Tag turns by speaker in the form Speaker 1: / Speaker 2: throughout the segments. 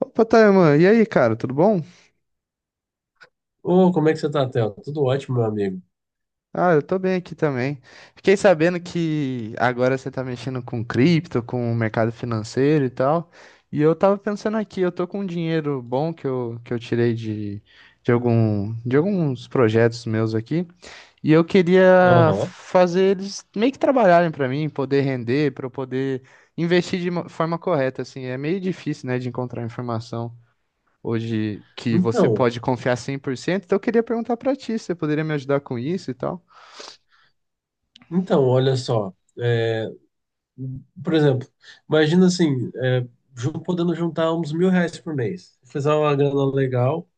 Speaker 1: Opa, Tayman, e aí, cara, tudo bom?
Speaker 2: Ô, como é que você tá, Theo? Tudo ótimo, meu amigo.
Speaker 1: Ah, eu tô bem aqui também. Fiquei sabendo que agora você tá mexendo com cripto, com o mercado financeiro e tal. E eu tava pensando aqui, eu tô com um dinheiro bom que eu tirei de alguns projetos meus aqui. E eu queria
Speaker 2: Aham.
Speaker 1: fazer eles meio que trabalharem pra mim, poder render, pra eu poder investir de uma forma correta, assim. É meio difícil, né, de encontrar informação hoje, que você
Speaker 2: Então,
Speaker 1: pode confiar 100%. Então eu queria perguntar pra ti, você poderia me ajudar com isso e tal?
Speaker 2: então, olha só. é, Por exemplo, imagina assim, podendo juntar uns R$ 1.000 por mês. Fazer uma grana legal,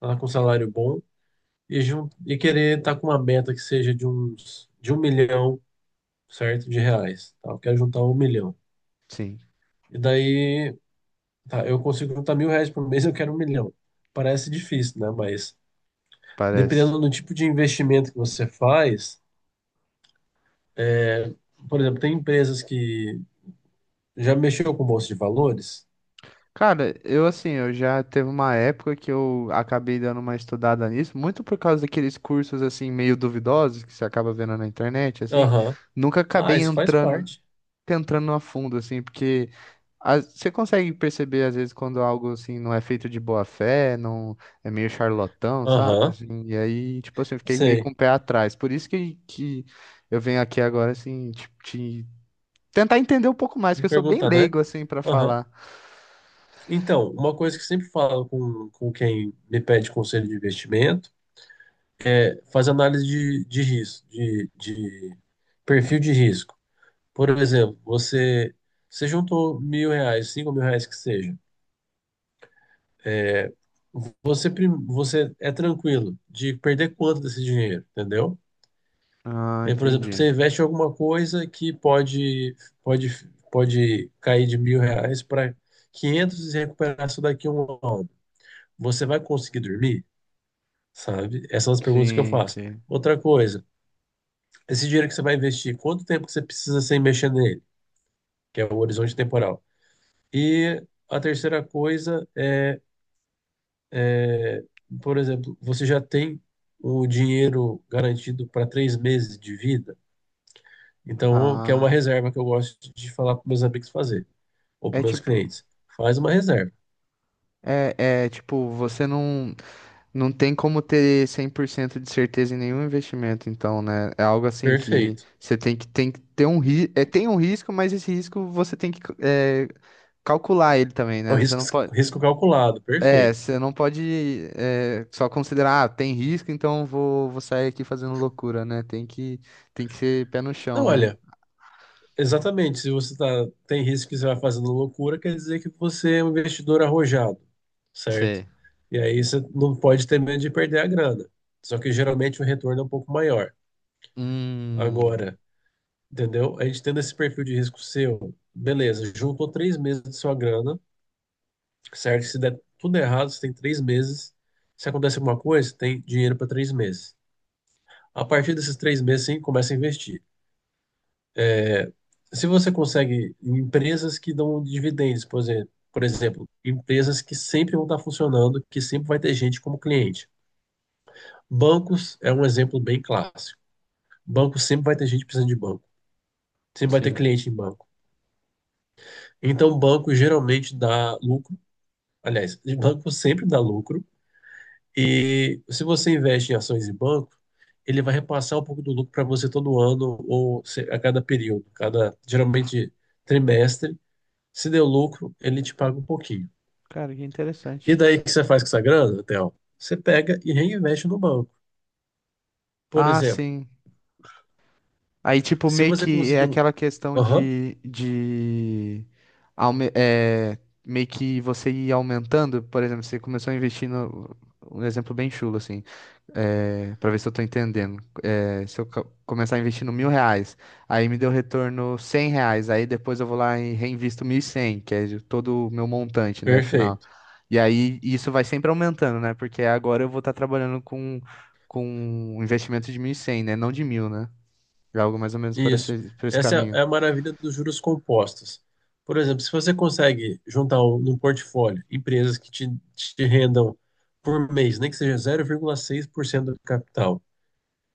Speaker 2: tá, com salário bom, e, e querer estar com uma meta que seja de uns de 1 milhão, certo? De reais. Tá? Eu quero juntar 1 milhão.
Speaker 1: Sim,
Speaker 2: E daí, tá, eu consigo juntar R$ 1.000 por mês, eu quero 1 milhão. Parece difícil, né? Mas
Speaker 1: parece.
Speaker 2: dependendo do tipo de investimento que você faz. Por exemplo, tem empresas que já mexeu com bolsa de valores?
Speaker 1: Cara, eu assim, eu já teve uma época que eu acabei dando uma estudada nisso, muito por causa daqueles cursos assim meio duvidosos que você acaba vendo na internet, assim,
Speaker 2: Aham.
Speaker 1: nunca
Speaker 2: Ah,
Speaker 1: acabei
Speaker 2: isso faz
Speaker 1: entrando,
Speaker 2: parte.
Speaker 1: entrando a fundo assim, porque você consegue perceber, às vezes, quando algo assim não é feito de boa fé, não é meio charlatão, sabe?
Speaker 2: Aham.
Speaker 1: Assim, e aí, tipo assim, eu fiquei meio com
Speaker 2: Sei.
Speaker 1: o pé atrás. Por isso que eu venho aqui agora, assim, tentar entender um pouco mais,
Speaker 2: Me
Speaker 1: que eu sou bem
Speaker 2: perguntar, né?
Speaker 1: leigo, assim, pra
Speaker 2: Aham.
Speaker 1: falar.
Speaker 2: Então, uma coisa que eu sempre falo com quem me pede conselho de investimento é fazer análise de risco, de perfil de risco. Por exemplo, você juntou R$ 1.000, R$ 5.000 que seja. é, você é tranquilo de perder quanto desse dinheiro, entendeu?
Speaker 1: Ah,
Speaker 2: É, por exemplo,
Speaker 1: entendi.
Speaker 2: você investe em alguma coisa que pode, pode cair de R$ 1.000 para 500 e recuperar isso daqui a um ano. Você vai conseguir dormir? Sabe? Essas são as perguntas que eu
Speaker 1: Sim,
Speaker 2: faço.
Speaker 1: sim.
Speaker 2: Outra coisa, esse dinheiro que você vai investir, quanto tempo que você precisa sem mexer nele? Que é o horizonte temporal. E a terceira coisa é, por exemplo, você já tem o dinheiro garantido para 3 meses de vida? Então, que é uma
Speaker 1: Ah,
Speaker 2: reserva que eu gosto de falar para meus amigos fazer, ou para
Speaker 1: é
Speaker 2: meus
Speaker 1: tipo.
Speaker 2: clientes. Faz uma reserva.
Speaker 1: É tipo, você não. Não tem como ter 100% de certeza em nenhum investimento, então, né? É algo assim que
Speaker 2: Perfeito.
Speaker 1: você tem que ter um risco. É, tem um risco, mas esse risco você tem que calcular ele também,
Speaker 2: É o
Speaker 1: né? Você
Speaker 2: risco,
Speaker 1: não pode.
Speaker 2: risco calculado.
Speaker 1: É,
Speaker 2: Perfeito.
Speaker 1: você não pode só considerar, ah, tem risco, então vou sair aqui fazendo loucura, né? Tem que ser pé no chão,
Speaker 2: Não,
Speaker 1: né?
Speaker 2: olha, exatamente. Se você tá, tem risco que você vai fazendo loucura, quer dizer que você é um investidor arrojado, certo?
Speaker 1: Sei.
Speaker 2: E aí você não pode ter medo de perder a grana. Só que geralmente o retorno é um pouco maior.
Speaker 1: Hum,
Speaker 2: Agora, entendeu? A gente tendo esse perfil de risco seu, beleza, juntou 3 meses de sua grana, certo? Se der tudo errado, você tem 3 meses. Se acontecer alguma coisa, você tem dinheiro para 3 meses. A partir desses 3 meses, sim, começa a investir. É, Se você consegue em empresas que dão dividendos, por exemplo, empresas que sempre vão estar funcionando, que sempre vai ter gente como cliente. Bancos é um exemplo bem clássico. Banco sempre vai ter gente precisando de banco, sempre vai ter
Speaker 1: sim.
Speaker 2: cliente em banco. Então, banco geralmente dá lucro. Aliás, banco sempre dá lucro. E se você investe em ações e banco, ele vai repassar um pouco do lucro para você todo ano ou a cada período, cada geralmente trimestre. Se deu lucro, ele te paga um pouquinho.
Speaker 1: Cara, que
Speaker 2: E
Speaker 1: interessante.
Speaker 2: daí o que você faz com essa grana, Theo? Você pega e reinveste no banco. Por
Speaker 1: Ah,
Speaker 2: exemplo,
Speaker 1: sim. Aí, tipo,
Speaker 2: se
Speaker 1: meio
Speaker 2: você
Speaker 1: que é
Speaker 2: conseguir um.
Speaker 1: aquela questão
Speaker 2: Aham,
Speaker 1: de aume- é, meio que você ir aumentando, por exemplo, você começou a investir no, um exemplo bem chulo, assim, para ver se eu tô entendendo. É, se eu começar a investir 1.000 reais, aí me deu retorno 100 reais, aí depois eu vou lá e reinvisto 1.100, que é de todo o meu montante, né, final.
Speaker 2: perfeito.
Speaker 1: E aí isso vai sempre aumentando, né, porque agora eu vou estar trabalhando com um investimento de 1.100, né, não de 1.000, né. É algo mais ou menos por
Speaker 2: Isso.
Speaker 1: esse, por esse
Speaker 2: Essa
Speaker 1: caminho.
Speaker 2: é a maravilha dos juros compostos. Por exemplo, se você consegue juntar um, num portfólio empresas que te rendam por mês, nem que seja 0,6% do capital,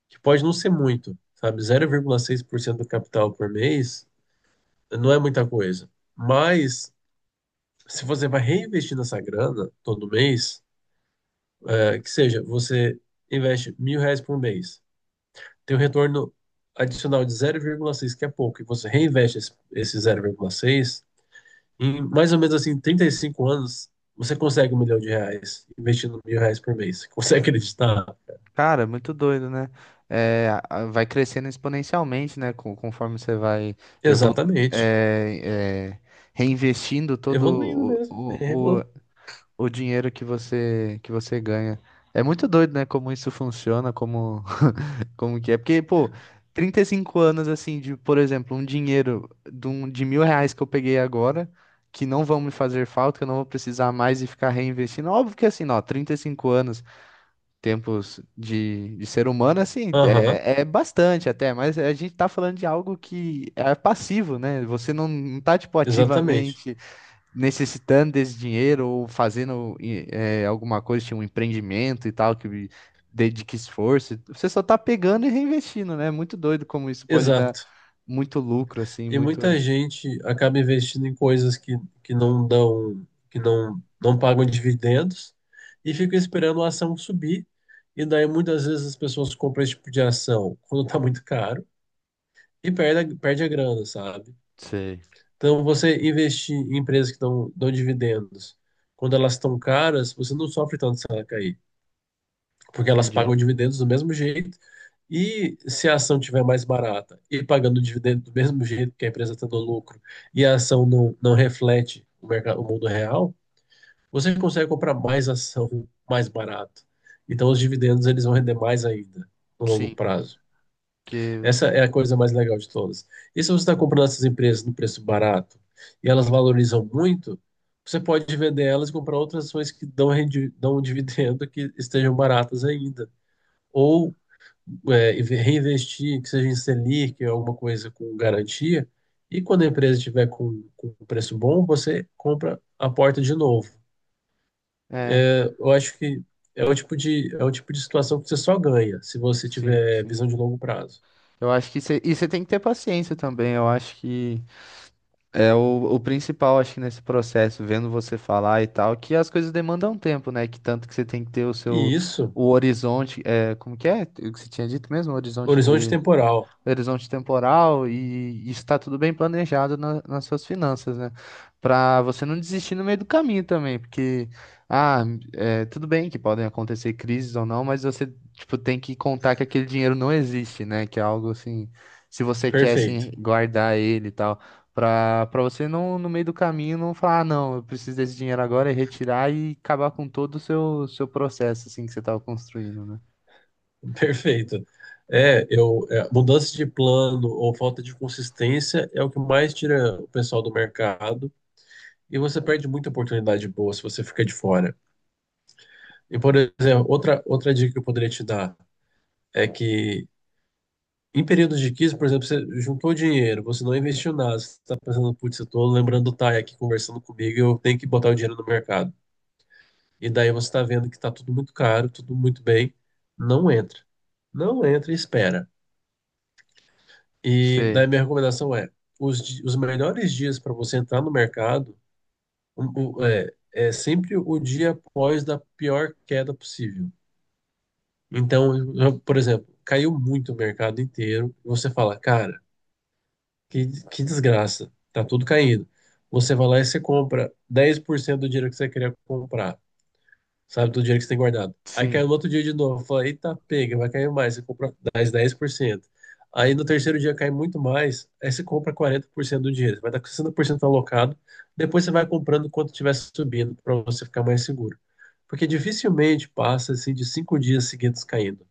Speaker 2: que pode não ser muito, sabe? 0,6% do capital por mês não é muita coisa. Mas se você vai reinvestir nessa grana todo mês, que seja, você investe R$ 1.000 por mês. Tem um retorno adicional de 0,6 que é pouco, e você reinveste esse 0,6 em mais ou menos assim 35 anos, você consegue R$ 1 milhão investindo R$ 1.000 por mês. Você consegue acreditar?
Speaker 1: Cara, muito doido, né? Vai crescendo exponencialmente, né? Conforme você vai evolu
Speaker 2: Exatamente.
Speaker 1: é, é, reinvestindo
Speaker 2: Evoluindo
Speaker 1: todo o,
Speaker 2: mesmo.
Speaker 1: o, o, o dinheiro que você ganha. É muito doido, né? Como isso funciona, como que é. Porque, pô, 35 anos, assim, de, por exemplo, um dinheiro de 1.000 reais que eu peguei agora, que não vão me fazer falta, que eu não vou precisar mais e ficar reinvestindo. Óbvio que, assim, ó, 35 anos. Tempos de ser humano, assim,
Speaker 2: Aham,
Speaker 1: é bastante até, mas a gente tá falando de algo que é passivo, né? Você não tá, tipo,
Speaker 2: exatamente.
Speaker 1: ativamente necessitando desse dinheiro ou fazendo alguma coisa, tipo, um empreendimento e tal, que dedique esforço. Você só tá pegando e reinvestindo, né? É muito doido como isso pode dar
Speaker 2: Exato.
Speaker 1: muito lucro, assim,
Speaker 2: E
Speaker 1: muito...
Speaker 2: muita gente acaba investindo em coisas que não dão, que não pagam dividendos e fica esperando a ação subir. E daí muitas vezes as pessoas compram esse tipo de ação quando está muito caro e perde a grana, sabe?
Speaker 1: Sei,
Speaker 2: Então você investir em empresas que dão dividendos quando elas estão caras, você não sofre tanto se ela cair porque elas
Speaker 1: entendi.
Speaker 2: pagam dividendos do mesmo jeito. E se a ação tiver mais barata e pagando dividendo do mesmo jeito que a empresa está dando lucro e a ação não reflete mercado, o mundo real, você consegue comprar mais ação mais barato. Então os dividendos eles vão render mais ainda no longo
Speaker 1: Sim,
Speaker 2: prazo.
Speaker 1: que...
Speaker 2: Essa é a coisa mais legal de todas. E se você está comprando essas empresas no preço barato e elas valorizam muito, você pode vender elas e comprar outras ações que dão um dividendo que estejam baratas ainda. Ou reinvestir, que seja em Selic, alguma coisa com garantia, e quando a empresa estiver com um preço bom, você compra a porta de novo.
Speaker 1: É,
Speaker 2: Eu acho que é o tipo de situação que você só ganha se você
Speaker 1: sim,
Speaker 2: tiver visão
Speaker 1: sim.
Speaker 2: de longo prazo.
Speaker 1: Eu acho que você... E você tem que ter paciência também, eu acho que... É o principal, acho que nesse processo, vendo você falar e tal, que as coisas demandam tempo, né? Que tanto que você tem que ter o seu
Speaker 2: E isso,
Speaker 1: o horizonte, como que é? O que você tinha dito mesmo? O horizonte
Speaker 2: horizonte temporal,
Speaker 1: horizonte temporal e está tudo bem planejado nas suas finanças, né? Para você não desistir no meio do caminho também, porque ah, é, tudo bem que podem acontecer crises ou não, mas você tipo tem que contar que aquele dinheiro não existe, né? Que é algo assim, se você quer
Speaker 2: perfeito,
Speaker 1: assim guardar ele e tal, para você não no meio do caminho não falar, ah, não, eu preciso desse dinheiro agora e retirar e acabar com todo o seu processo assim que você estava construindo, né?
Speaker 2: perfeito. Mudança de plano ou falta de consistência é o que mais tira o pessoal do mercado e você perde muita oportunidade boa se você fica de fora. E, por exemplo, outra dica que eu poderia te dar é que em períodos de crise, por exemplo, você juntou dinheiro, você não investiu nada, você está pensando, putz, eu estou lembrando do Thay aqui conversando comigo, eu tenho que botar o dinheiro no mercado. E daí você está vendo que está tudo muito caro, tudo muito bem, não entra. Não entra e espera. E daí
Speaker 1: Sei,
Speaker 2: minha recomendação é, os melhores dias para você entrar no mercado sempre o dia após da pior queda possível. Então, por exemplo, caiu muito o mercado inteiro. Você fala, cara, que desgraça, tá tudo caindo. Você vai lá e você compra 10% do dinheiro que você queria comprar, sabe, do dinheiro que você tem guardado. Aí
Speaker 1: sim,
Speaker 2: caiu no outro dia de novo, fala, eita, pega, vai cair mais, você compra mais 10%. Aí no terceiro dia cai muito mais, aí você compra 40% do dinheiro, você vai dar com 60% alocado, depois você vai comprando quanto estiver subindo para você ficar mais seguro. Porque dificilmente passa assim de 5 dias seguidos caindo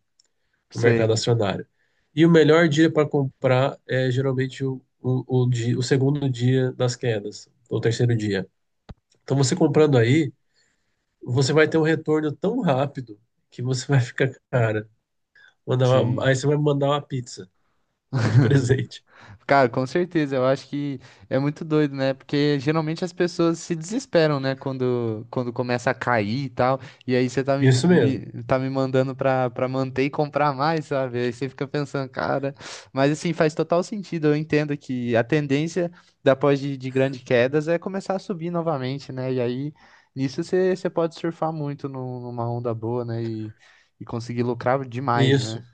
Speaker 2: o mercado
Speaker 1: sei,
Speaker 2: acionário. E o melhor dia para comprar é geralmente o segundo dia das quedas, ou terceiro dia. Então, você comprando aí, você vai ter um retorno tão rápido que você vai ficar, cara,
Speaker 1: sim.
Speaker 2: aí você vai mandar uma pizza de presente.
Speaker 1: Cara, com certeza, eu acho que é muito doido, né? Porque geralmente as pessoas se desesperam, né? Quando começa a cair e tal. E aí você
Speaker 2: Isso mesmo,
Speaker 1: tá me mandando pra manter e comprar mais, sabe? Aí você fica pensando, cara. Mas assim, faz total sentido. Eu entendo que a tendência depois de grandes quedas é começar a subir novamente, né? E aí nisso você pode surfar muito numa onda boa, né? E conseguir lucrar demais, né?
Speaker 2: isso.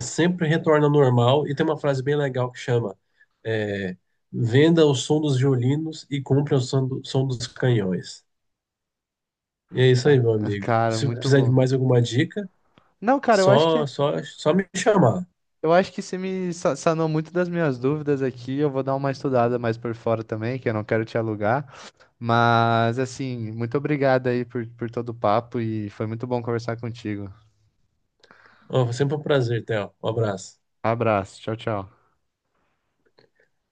Speaker 2: Sempre retorna ao normal. E tem uma frase bem legal que chama: é, venda o som dos violinos e compre o som, som dos canhões. E é isso aí,
Speaker 1: Ca-
Speaker 2: meu amigo.
Speaker 1: Cara,
Speaker 2: Se
Speaker 1: muito
Speaker 2: precisar de
Speaker 1: bom.
Speaker 2: mais alguma dica,
Speaker 1: Não, cara, eu acho que é.
Speaker 2: só me chamar.
Speaker 1: Eu acho que você me sanou muito das minhas dúvidas aqui. Eu vou dar uma estudada mais por fora também, que eu não quero te alugar. Mas, assim, muito obrigado aí por todo o papo e foi muito bom conversar contigo.
Speaker 2: Ó, foi sempre um prazer, Theo. Um abraço.
Speaker 1: Abraço, tchau, tchau.